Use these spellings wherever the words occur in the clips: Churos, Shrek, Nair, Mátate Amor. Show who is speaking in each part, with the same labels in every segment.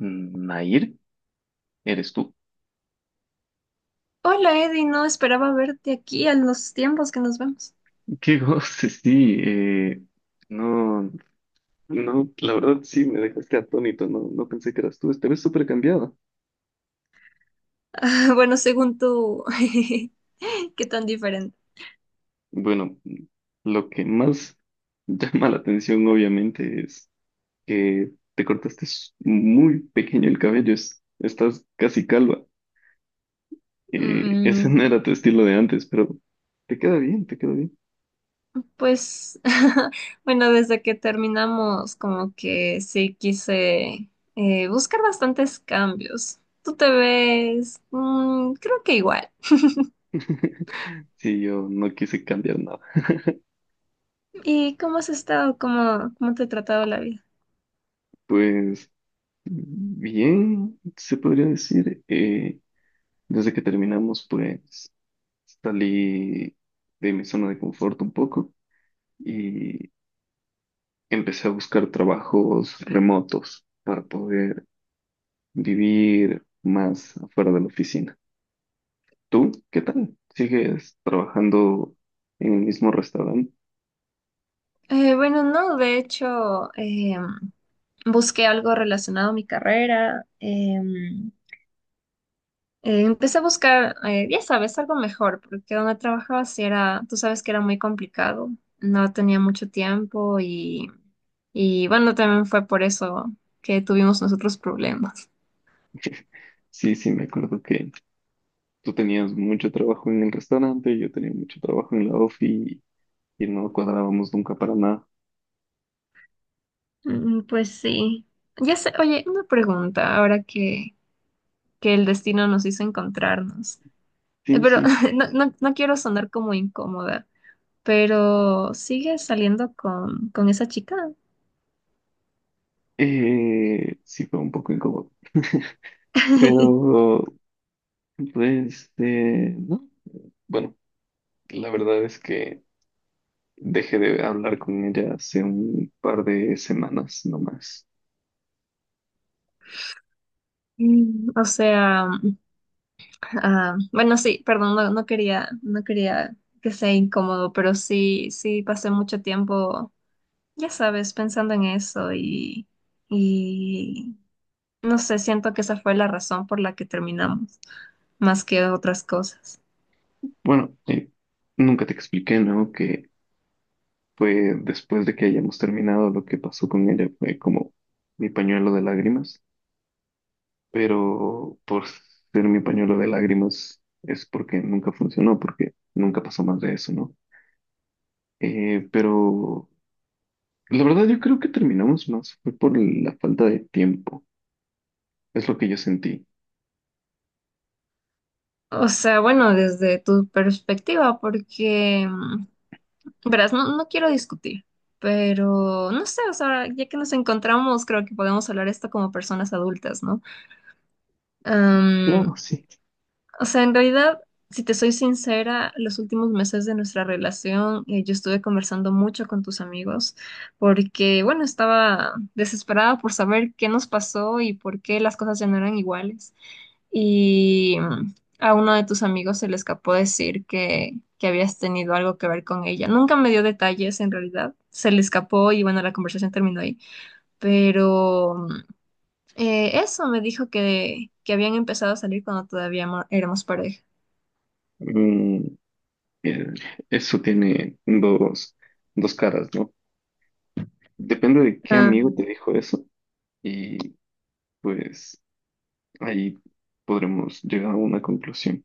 Speaker 1: Mm, Nair, ¿eres tú?
Speaker 2: Hola Eddie, no esperaba verte aquí a los tiempos que nos vemos.
Speaker 1: Qué goce, sí. No, no, la verdad sí me dejaste atónito. No pensé que eras tú. Esta vez súper cambiada.
Speaker 2: Bueno, según tú, qué tan diferente.
Speaker 1: Bueno, lo que más llama la atención, obviamente, es que muy pequeño el cabello, estás casi calva. Ese no
Speaker 2: Mm,
Speaker 1: era tu estilo de antes, pero te queda bien, te queda bien.
Speaker 2: pues, bueno, desde que terminamos, como que sí quise buscar bastantes cambios. Tú te ves, mm, creo que igual.
Speaker 1: Sí, yo no quise cambiar nada.
Speaker 2: ¿Y cómo has estado? ¿Cómo te ha tratado la vida?
Speaker 1: Pues bien, se podría decir. Desde que terminamos, pues salí de mi zona de confort un poco y empecé a buscar trabajos remotos para poder vivir más afuera de la oficina. ¿Tú qué tal? ¿Sigues trabajando en el mismo restaurante?
Speaker 2: Bueno, no, de hecho, busqué algo relacionado a mi carrera. Empecé a buscar, ya sabes, algo mejor, porque donde trabajaba sí era, tú sabes que era muy complicado, no tenía mucho tiempo y bueno, también fue por eso que tuvimos nosotros problemas.
Speaker 1: Sí, sí, me acuerdo que tú tenías mucho trabajo en el restaurante, yo tenía mucho trabajo en la ofi y no cuadrábamos nunca para nada.
Speaker 2: Mm, pues sí. Ya sé, oye, una pregunta, ahora que el destino nos hizo encontrarnos.
Speaker 1: Sí,
Speaker 2: Pero
Speaker 1: sí.
Speaker 2: no quiero sonar como incómoda, pero ¿sigues saliendo con esa chica?
Speaker 1: Sí fue un poco incómodo. Pero, no. Bueno, la verdad es que dejé de hablar con ella hace un par de semanas nomás.
Speaker 2: Mm. O sea, ah, bueno, sí, perdón, no quería que sea incómodo, pero sí, sí pasé mucho tiempo, ya sabes, pensando en eso y no sé, siento que esa fue la razón por la que terminamos, más que otras cosas.
Speaker 1: Bueno, nunca te expliqué, ¿no? Que fue después de que hayamos terminado lo que pasó con ella, fue como mi pañuelo de lágrimas. Pero por ser mi pañuelo de lágrimas es porque nunca funcionó, porque nunca pasó más de eso, ¿no? Eh, pero. La verdad, yo creo que terminamos más fue por la falta de tiempo. Es lo que yo sentí.
Speaker 2: O sea, bueno, desde tu perspectiva, porque, mm, verás, no quiero discutir, pero no sé, o sea, ya que nos encontramos, creo que podemos hablar esto como personas adultas, ¿no?
Speaker 1: Claro, sí.
Speaker 2: O sea, en realidad, si te soy sincera, los últimos meses de nuestra relación, yo estuve conversando mucho con tus amigos porque, bueno, estaba desesperada por saber qué nos pasó y por qué las cosas ya no eran iguales. Y mm, a uno de tus amigos se le escapó decir que habías tenido algo que ver con ella. Nunca me dio detalles, en realidad. Se le escapó y, bueno, la conversación terminó ahí. Pero mm, eso me dijo que habían empezado a salir cuando todavía éramos pareja.
Speaker 1: Mm, eh, Eso tiene dos caras, ¿no? Depende de qué
Speaker 2: Ah,
Speaker 1: amigo te dijo eso, y pues ahí podremos llegar a una conclusión.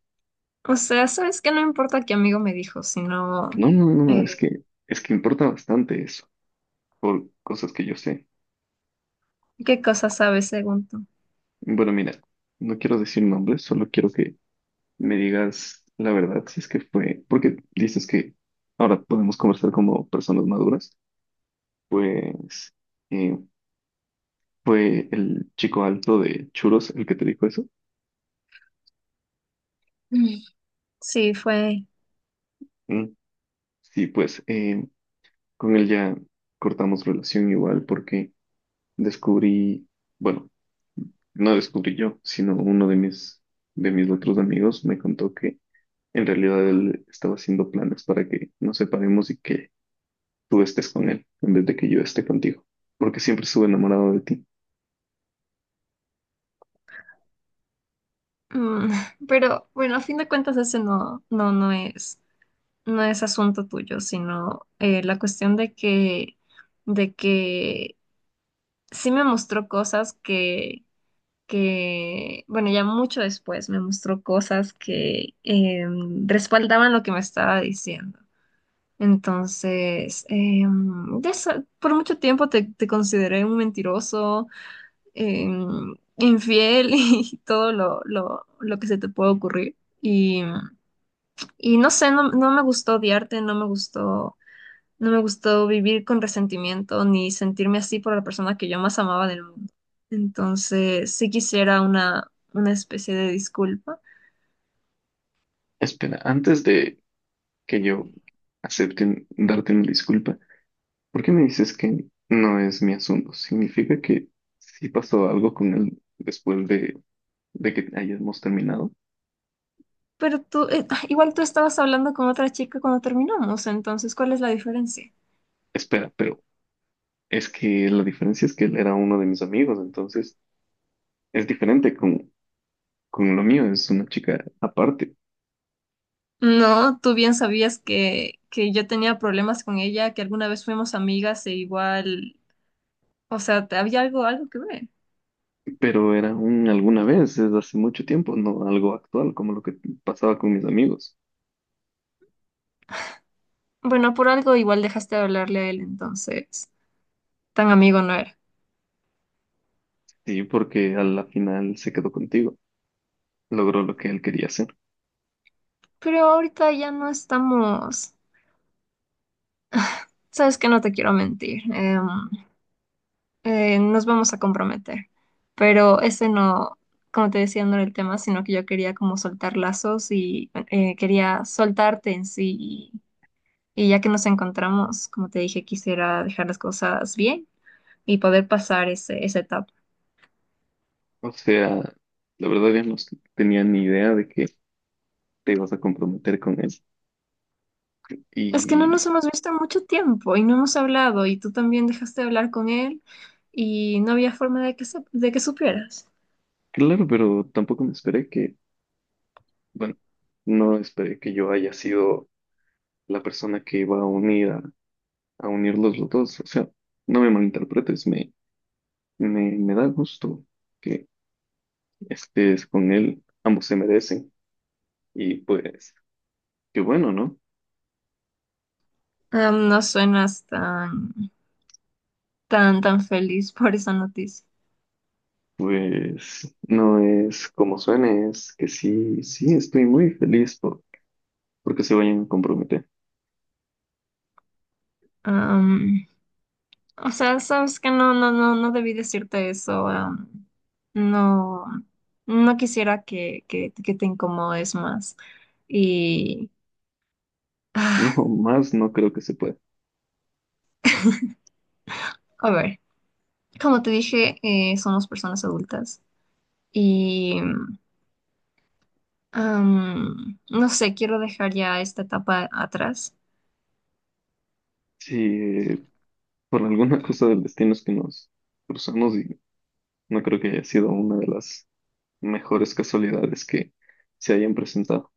Speaker 2: o sea, sabes que no importa qué amigo me dijo, sino
Speaker 1: No, no, no, no,
Speaker 2: eh,
Speaker 1: es que importa bastante eso por cosas que yo sé.
Speaker 2: qué cosas sabes según tú.
Speaker 1: Bueno, mira, no quiero decir nombres, solo quiero que me digas la verdad, si es que fue, porque dices que ahora podemos conversar como personas maduras. pues eh, Fue el chico alto de Churos el que te dijo eso.
Speaker 2: Mm. Sí, fue.
Speaker 1: Mm. Sí, con él ya cortamos relación igual porque descubrí, bueno, no descubrí yo, sino uno de mis otros amigos me contó que en realidad él estaba haciendo planes para que nos separemos y que tú estés con él en vez de que yo esté contigo, porque siempre estuve enamorado de ti.
Speaker 2: Mm, pero bueno, a fin de cuentas ese no es asunto tuyo, sino la cuestión de que sí me mostró cosas bueno, ya mucho después me mostró cosas que respaldaban lo que me estaba diciendo. Entonces, de por mucho tiempo te consideré un mentiroso, infiel y todo lo que se te puede ocurrir. Y, y no sé, no, no me gustó odiarte, no me gustó, no me gustó vivir con resentimiento ni sentirme así por la persona que yo más amaba del mundo. Entonces, sí quisiera una especie de disculpa.
Speaker 1: Espera, antes de que yo acepte darte una disculpa, ¿por qué me dices que no es mi asunto? ¿Significa que sí pasó algo con él después de que hayamos terminado?
Speaker 2: Pero tú, igual tú estabas hablando con otra chica cuando terminamos, entonces, ¿cuál es la diferencia?
Speaker 1: Espera, pero es que la diferencia es que él era uno de mis amigos, entonces es diferente con lo mío, es una chica aparte,
Speaker 2: No, tú bien sabías que yo tenía problemas con ella, que alguna vez fuimos amigas e igual, o sea, había algo, algo que ver.
Speaker 1: pero era un alguna vez, es hace mucho tiempo, no algo actual como lo que pasaba con mis amigos.
Speaker 2: Bueno, por algo igual dejaste de hablarle a él, entonces tan amigo no era.
Speaker 1: Sí, porque a la final se quedó contigo. Logró lo que él quería hacer.
Speaker 2: Pero ahorita ya no estamos, sabes que no te quiero mentir, nos vamos a comprometer, pero ese no, como te decía, no era el tema, sino que yo quería como soltar lazos y quería soltarte en sí. Y ya que nos encontramos, como te dije, quisiera dejar las cosas bien y poder pasar ese, esa etapa.
Speaker 1: O sea, la verdad yo no tenía ni idea de que te ibas a comprometer con él.
Speaker 2: Es que no
Speaker 1: Y
Speaker 2: nos hemos visto en mucho tiempo y no hemos hablado y tú también dejaste de hablar con él y no había forma de que, de que supieras.
Speaker 1: claro, pero tampoco me esperé que, bueno, no esperé que yo haya sido la persona que iba a unir a unirlos los dos. O sea, no me malinterpretes, me da gusto que estés con él. Ambos se merecen. Y pues, qué bueno, ¿no?
Speaker 2: Am, no suenas tan feliz por esa noticia.
Speaker 1: Pues no es como suene, es que sí, sí, estoy muy feliz porque se vayan a comprometer.
Speaker 2: Am, o sea, sabes que no debí decirte eso. Am, no, no quisiera que te incomodes más. Y...
Speaker 1: No, más no creo que se pueda.
Speaker 2: A ver, como te dije, somos personas adultas y am, no sé, quiero dejar ya esta etapa atrás.
Speaker 1: Si por alguna cosa del destino es que nos cruzamos, y no creo que haya sido una de las mejores casualidades que se hayan presentado.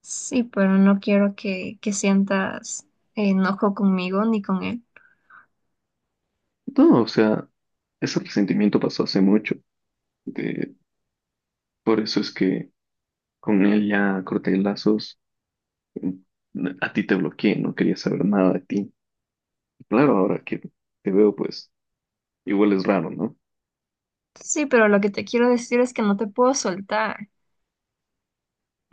Speaker 2: Sí, pero no quiero que sientas enojo conmigo ni con él.
Speaker 1: No, o sea, ese resentimiento pasó hace mucho. De, por eso es que con él ya corté lazos. Mm, a ti te bloqueé, no quería saber nada de ti. Claro, ahora que te veo, pues igual es raro, ¿no?
Speaker 2: Sí, pero lo que te quiero decir es que no te puedo soltar.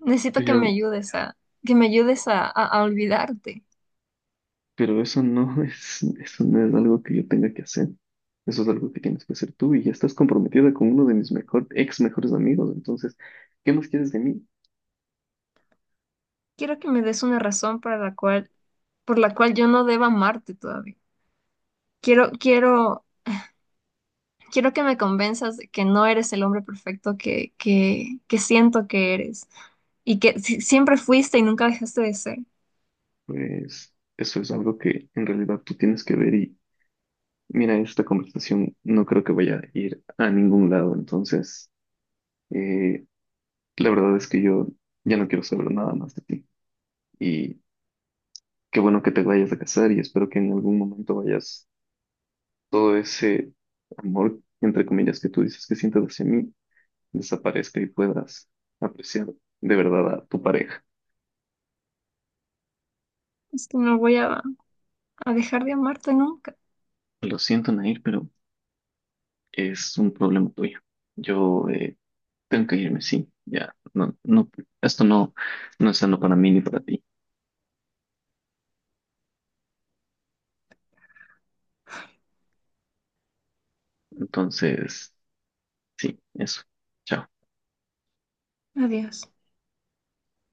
Speaker 2: Necesito que me
Speaker 1: Pero,
Speaker 2: ayudes a olvidarte.
Speaker 1: pero eso no es, eso no es algo que yo tenga que hacer. Eso es algo que tienes que hacer tú, y ya estás comprometida con uno de mis mejor, ex mejores amigos. Entonces, ¿qué más quieres de mí?
Speaker 2: Quiero que me des una razón para la cual, por la cual yo no deba amarte todavía. Quiero, quiero quiero que me convenzas de que no eres el hombre perfecto que siento que eres y que siempre fuiste y nunca dejaste de ser.
Speaker 1: Pues eso es algo que en realidad tú tienes que ver, y mira, esta conversación no creo que vaya a ir a ningún lado. Entonces, eh, la verdad es que yo ya no quiero saber nada más de ti. Y qué bueno que te vayas a casar, y espero que en algún momento vayas todo ese amor, entre comillas, que tú dices que sientes hacia mí, desaparezca y puedas apreciar de verdad a tu pareja.
Speaker 2: Es que no voy a dejar de amarte nunca.
Speaker 1: Lo siento, Nair, pero es un problema tuyo. Yo tengo que irme, sí, ya, no, no, esto no, no es sano para mí ni para ti. Entonces, sí, eso. Chao.
Speaker 2: Adiós.